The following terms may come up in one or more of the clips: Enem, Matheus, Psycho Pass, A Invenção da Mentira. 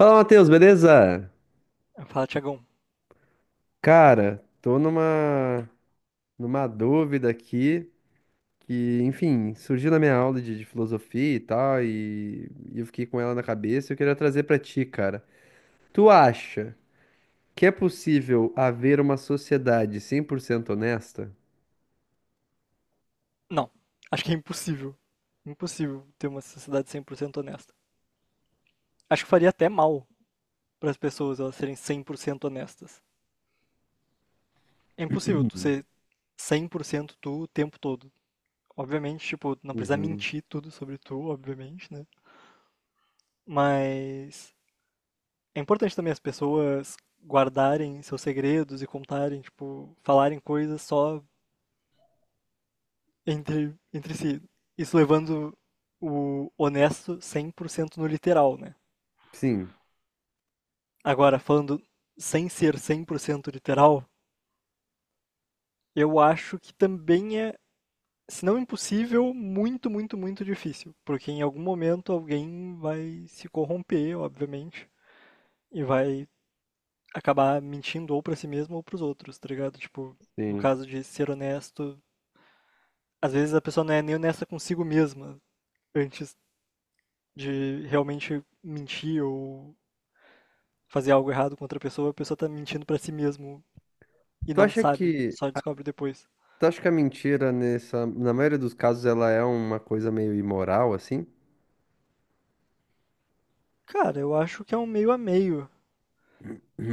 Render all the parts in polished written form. Fala, Matheus, beleza? Fala falo, Tiagão, Cara, tô numa dúvida aqui que, enfim, surgiu na minha aula de filosofia e tal, e eu fiquei com ela na cabeça e eu queria trazer pra ti, cara. Tu acha que é possível haver uma sociedade cem por cento honesta? não, acho que é impossível. Impossível ter uma sociedade 100% honesta. Acho que faria até mal para as pessoas elas serem 100% honestas. É impossível tu Uhum. ser 100% tu o tempo todo. Obviamente, tipo, não precisa Uhum. mentir tudo sobre tu, obviamente, né? Mas é importante também as pessoas guardarem seus segredos e contarem, tipo, falarem coisas só entre si. Isso levando o honesto 100% no literal, né? Sim, Agora, falando sem ser 100% literal, eu acho que também é, se não impossível, muito, muito, muito difícil. Porque em algum momento alguém vai se corromper, obviamente, e vai acabar mentindo ou pra si mesmo ou pros outros, tá ligado? Tipo, no sim. caso de ser honesto, às vezes a pessoa não é nem honesta consigo mesma antes de realmente mentir ou fazer algo errado com outra pessoa, a pessoa tá mentindo pra si mesmo e Tu não sabe, só descobre depois. tu acha que a mentira, na maioria dos casos, ela é uma coisa meio imoral, assim? Cara, eu acho que é um meio a meio.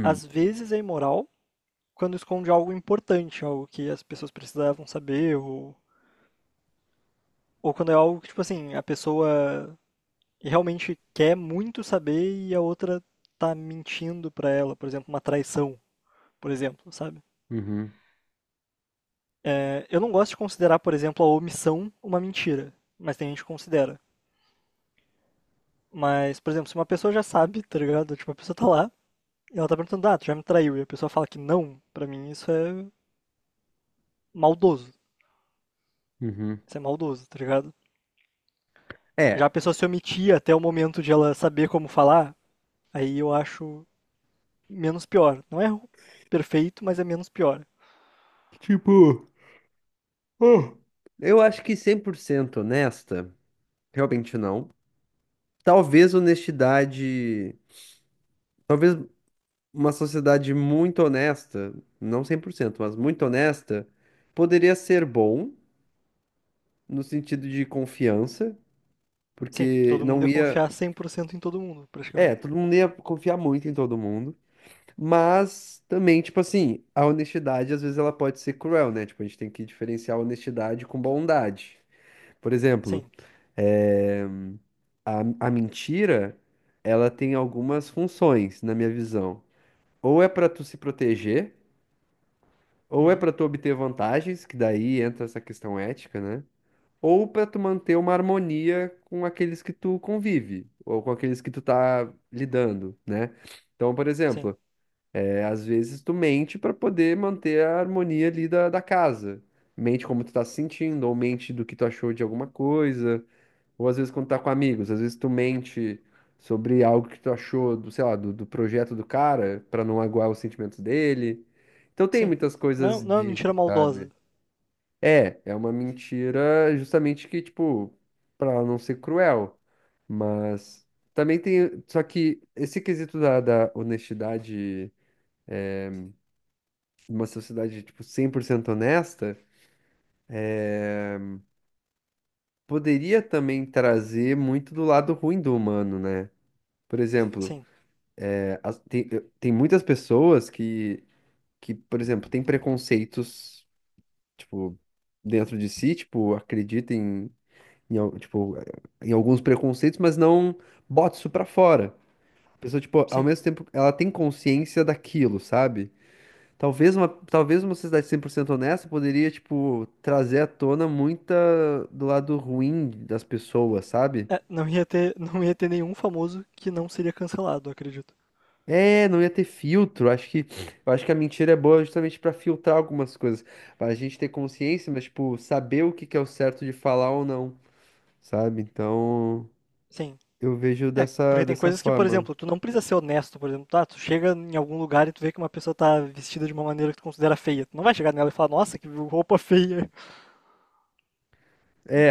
Às vezes é imoral, quando esconde algo importante, algo que as pessoas precisavam saber, ou quando é algo que, tipo assim, a pessoa realmente quer muito saber e a outra tá mentindo pra ela, por exemplo, uma traição, por exemplo, sabe? Uhum. É, eu não gosto de considerar, por exemplo, a omissão uma mentira, mas tem gente que considera. Mas, por exemplo, se uma pessoa já sabe, tá ligado? Tipo, a pessoa tá lá e ela tá perguntando, ah, tu já me traiu, e a pessoa fala que não, pra mim isso é maldoso. uhum. Isso é maldoso, tá ligado? Já É, a pessoa se omitia até o momento de ela saber como falar, aí eu acho menos pior. Não é perfeito, mas é menos pior. tipo. Uh. Eu acho que 100% honesta, realmente não. Talvez honestidade, talvez uma sociedade muito honesta, não 100%, mas muito honesta, poderia ser bom no sentido de confiança, Sim, porque todo mundo não ia ia, confiar 100% em todo mundo, é, praticamente. todo mundo ia confiar muito em todo mundo, mas também, tipo assim, a honestidade às vezes ela pode ser cruel, né? Tipo, a gente tem que diferenciar honestidade com bondade. Por exemplo, Sim. é, A, a mentira, ela tem algumas funções, na minha visão. Ou é para tu se proteger, ou é Uhum. para tu obter vantagens, que daí entra essa questão ética, né? Ou para tu manter uma harmonia com aqueles que tu convive, ou com aqueles que tu tá lidando, né? Então, por Sim. exemplo, é, às vezes tu mente para poder manter a harmonia ali da casa. Mente como tu tá se sentindo, ou mente do que tu achou de alguma coisa. Ou às vezes quando tá com amigos, às vezes tu mente sobre algo que tu achou sei lá, do projeto do cara, pra não aguar os sentimentos dele. Então tem Sim. muitas Não, coisas não é disso, mentira maldosa. sabe? É, é uma mentira justamente que, tipo, pra ela não ser cruel. Mas também tem. Só que esse quesito da honestidade, é, uma sociedade, tipo, 100% honesta, poderia também trazer muito do lado ruim do humano, né? Por exemplo, Sim. Tem muitas pessoas que, por exemplo, têm preconceitos, tipo, dentro de si, tipo, acreditam tipo, em alguns preconceitos, mas não bota isso pra fora. A pessoa, tipo, ao Sim. mesmo tempo, ela tem consciência daquilo, sabe? Talvez uma sociedade 100% honesta poderia, tipo, trazer à tona muita do lado ruim das pessoas, sabe? É, não ia ter nenhum famoso que não seria cancelado, eu acredito. É, não ia ter filtro. Eu acho que a mentira é boa justamente pra filtrar algumas coisas, pra gente ter consciência, mas tipo saber o que que é o certo de falar ou não, sabe? Então Sim. eu vejo É, porque tem dessa coisas que, por forma. exemplo, tu não precisa ser honesto, por exemplo, tá? Tu chega em algum lugar e tu vê que uma pessoa tá vestida de uma maneira que tu considera feia. Tu não vai chegar nela e falar, nossa, que roupa feia.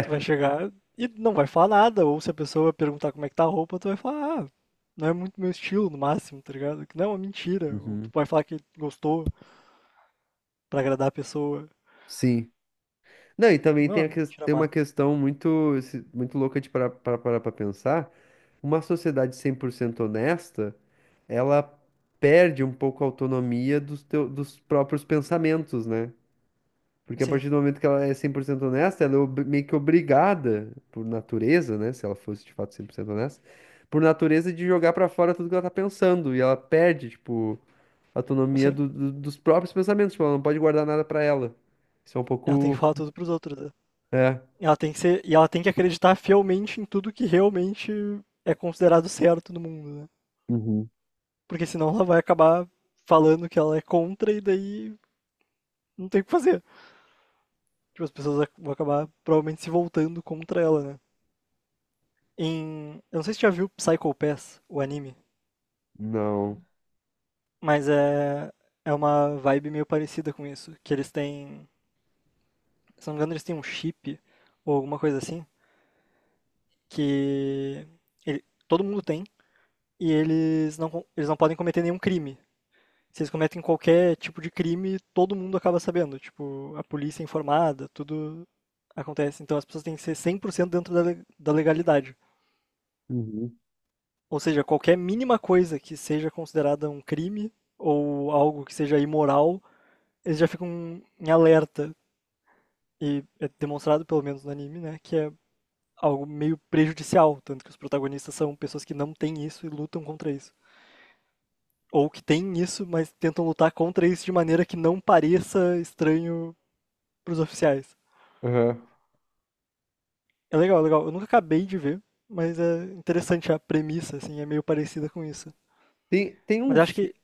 Tu vai chegar e não vai falar nada. Ou se a pessoa perguntar como é que tá a roupa, tu vai falar, ah, não é muito meu estilo no máximo, tá ligado? Que não é uma mentira. Ou tu Uhum. vai falar que gostou pra agradar a pessoa. Sim. Não, e também Não é tem, uma mentira tem uma má. questão muito se- muito louca de parar para pensar. Uma sociedade 100% honesta, ela perde um pouco a autonomia dos, teu, dos próprios pensamentos, né? Porque a Assim, partir do momento que ela é 100% honesta, ela é meio que obrigada, por natureza, né? Se ela fosse de fato 100% honesta, por natureza de jogar pra fora tudo que ela tá pensando. E ela perde, tipo, a autonomia assim, dos próprios pensamentos. Tipo, ela não pode guardar nada pra ela. Isso é um ela tem que pouco. falar tudo pros outros, né? É. Ela tem que ser, e ela tem que acreditar fielmente em tudo que realmente é considerado certo no mundo, né? Uhum. Porque senão ela vai acabar falando que ela é contra e daí não tem o que fazer. Tipo, as pessoas vão acabar provavelmente se voltando contra ela, né? Eu não sei se você já viu Psycho Pass, o anime, Não. mas é. É uma vibe meio parecida com isso. Que eles têm. Se não me engano, eles têm um chip ou alguma coisa assim. Que. Todo mundo tem. E eles não podem cometer nenhum crime. Se eles cometem qualquer tipo de crime, todo mundo acaba sabendo. Tipo, a polícia é informada, tudo acontece. Então as pessoas têm que ser 100% dentro da legalidade. Uhum. Ou seja, qualquer mínima coisa que seja considerada um crime ou algo que seja imoral, eles já ficam em alerta. E é demonstrado, pelo menos no anime, né, que é algo meio prejudicial. Tanto que os protagonistas são pessoas que não têm isso e lutam contra isso. Ou que têm isso, mas tentam lutar contra isso de maneira que não pareça estranho para os oficiais. Aham. É legal, legal. Eu nunca acabei de ver, mas é interessante a premissa, assim, é meio parecida com isso. Tem um. Mas acho que.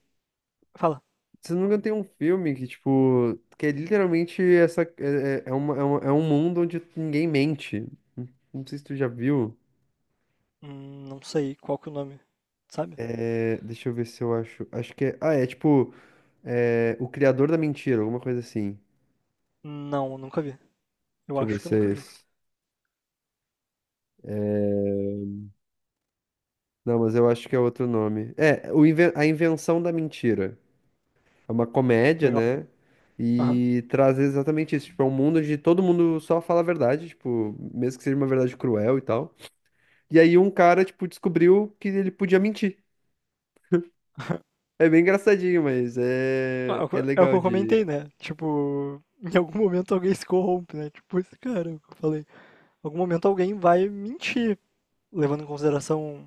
Fala. Se não me engano, tem um filme que, tipo, que é literalmente essa. É um mundo onde ninguém mente. Não sei se tu já viu. Não sei qual que é o nome, sabe? É, deixa eu ver se eu acho. Acho que é. Ah, é tipo. É, o Criador da Mentira, alguma coisa assim. Não, nunca vi. Eu Deixa eu ver acho que eu se é nunca vi. esse. Não, mas eu acho que é outro nome. É, o A Invenção da Mentira. É uma comédia, Legal. né? Aham. E traz exatamente isso. Tipo, é um mundo onde todo mundo só fala a verdade, tipo, mesmo que seja uma verdade cruel e tal. E aí um cara, tipo, descobriu que ele podia mentir. É bem engraçadinho, mas Ah, É o que eu é é o que legal eu de. comentei, né? Tipo, em algum momento alguém se corrompe, né? Tipo, esse cara que eu falei. Em algum momento alguém vai mentir, levando em consideração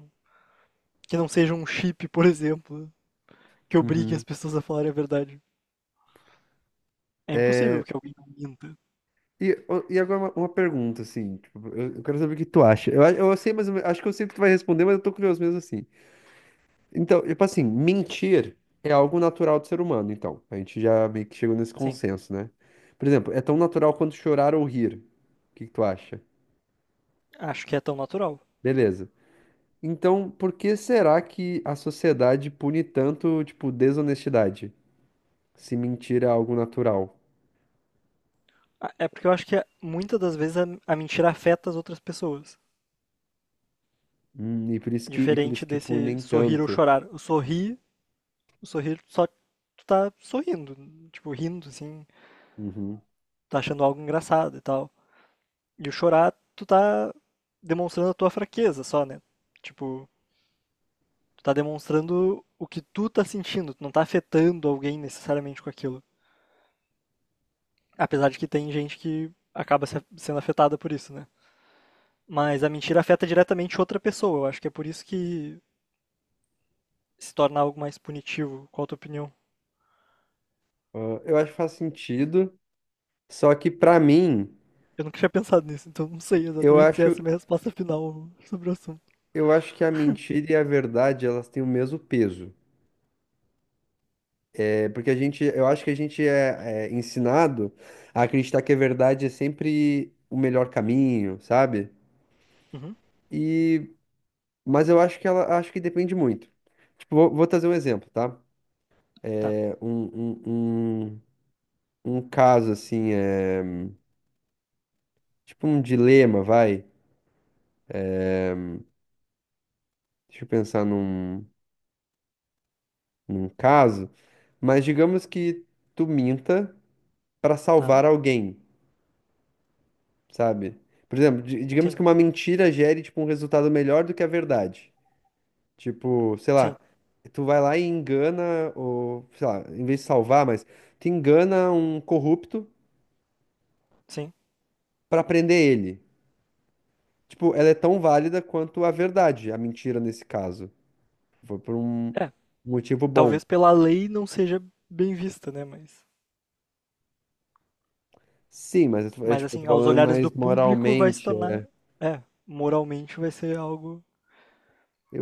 que não seja um chip, por exemplo, que obrigue as Uhum. pessoas a falarem a verdade. É impossível que alguém não minta. E agora uma pergunta, assim, tipo, eu quero saber o que tu acha. Eu sei, mas acho que eu sei o que tu vai responder, mas eu tô curioso mesmo assim. Então, tipo assim, mentir é algo natural do ser humano, então. A gente já meio que chegou nesse Assim, consenso, né? Por exemplo, é tão natural quanto chorar ou rir. O que que tu acha? acho que é tão natural. Beleza. Então, por que será que a sociedade pune tanto, tipo, desonestidade? Se mentir é algo natural. Ah, é porque eu acho que muitas das vezes a mentira afeta as outras pessoas. E por isso e por Diferente isso que desse punem sorrir ou tanto. chorar. O sorrir só tu tá sorrindo, tipo, rindo, assim, Uhum. tá achando algo engraçado e tal. E o chorar, tu tá demonstrando a tua fraqueza só, né? Tipo, tu tá demonstrando o que tu tá sentindo, tu não tá afetando alguém necessariamente com aquilo. Apesar de que tem gente que acaba sendo afetada por isso, né? Mas a mentira afeta diretamente outra pessoa. Eu acho que é por isso que se tornar algo mais punitivo? Qual a tua opinião? Ah, eu acho que faz sentido. Só que pra mim, Eu nunca tinha pensado nisso, então não sei eu exatamente se acho, essa é a minha resposta final sobre o assunto. eu acho que a mentira e a verdade, elas têm o mesmo peso. É porque a gente, eu acho que a gente é ensinado a acreditar que a verdade é sempre o melhor caminho, sabe? Uhum, E, mas eu acho que ela, acho que depende muito. Tipo, vou trazer um exemplo, tá? tá, É, um, um, um, um caso assim, é tipo um dilema, vai. Deixa eu pensar num caso. Mas digamos que tu minta pra tá. salvar alguém. Sabe? Por exemplo, digamos Sim, que uma mentira gere, tipo, um resultado melhor do que a verdade. Tipo, sei sim, lá, tu vai lá e engana, ou, sei lá, em vez de salvar, mas tu engana um corrupto sim. pra prender ele. Tipo, ela é tão válida quanto a verdade, a mentira nesse caso. Foi por um É, motivo bom. talvez pela lei não seja bem vista, né? Mas, É, mas tipo, eu assim, tô aos falando olhares do mais público vai se moralmente. tornar, é, moralmente vai ser algo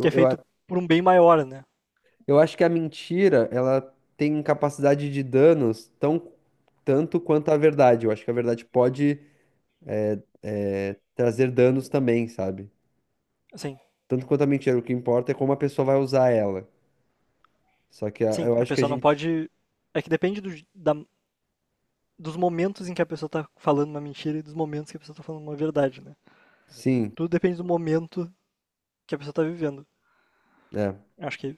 que é feito eu, por um bem maior, né? Eu acho que a mentira, ela tem capacidade de danos tão tanto quanto a verdade. Eu acho que a verdade pode trazer danos também, sabe? Assim, Tanto quanto a mentira, o que importa é como a pessoa vai usar ela. Só que sim, eu a acho que a pessoa não gente. pode. É que depende dos momentos em que a pessoa tá falando uma mentira e dos momentos que a pessoa tá falando uma verdade, né? Sim, Tudo depende do momento que a pessoa tá vivendo. é. Acho que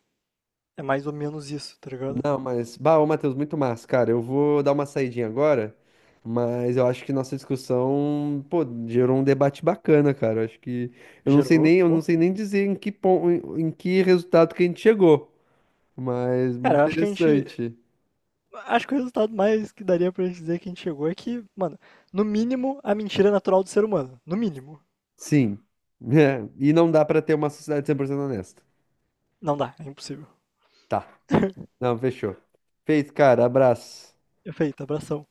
é mais ou menos isso, tá ligado? Não, mas. Bah, ô Matheus, muito massa, cara. Eu vou dar uma saidinha agora, mas eu acho que nossa discussão, pô, gerou um debate bacana, cara. Eu acho que. Gerou, Eu não pô. sei nem dizer em que ponto, em em que resultado que a gente chegou. Mas muito Cara, acho que a gente. interessante. Acho que o resultado mais que daria pra gente dizer que a gente chegou é que, mano, no mínimo, a mentira é natural do ser humano. No mínimo. Sim. É, e não dá pra ter uma sociedade 100% honesta. Não dá, é impossível. Tá. Não, fechou. Feito, cara. Abraço. Perfeito, abração.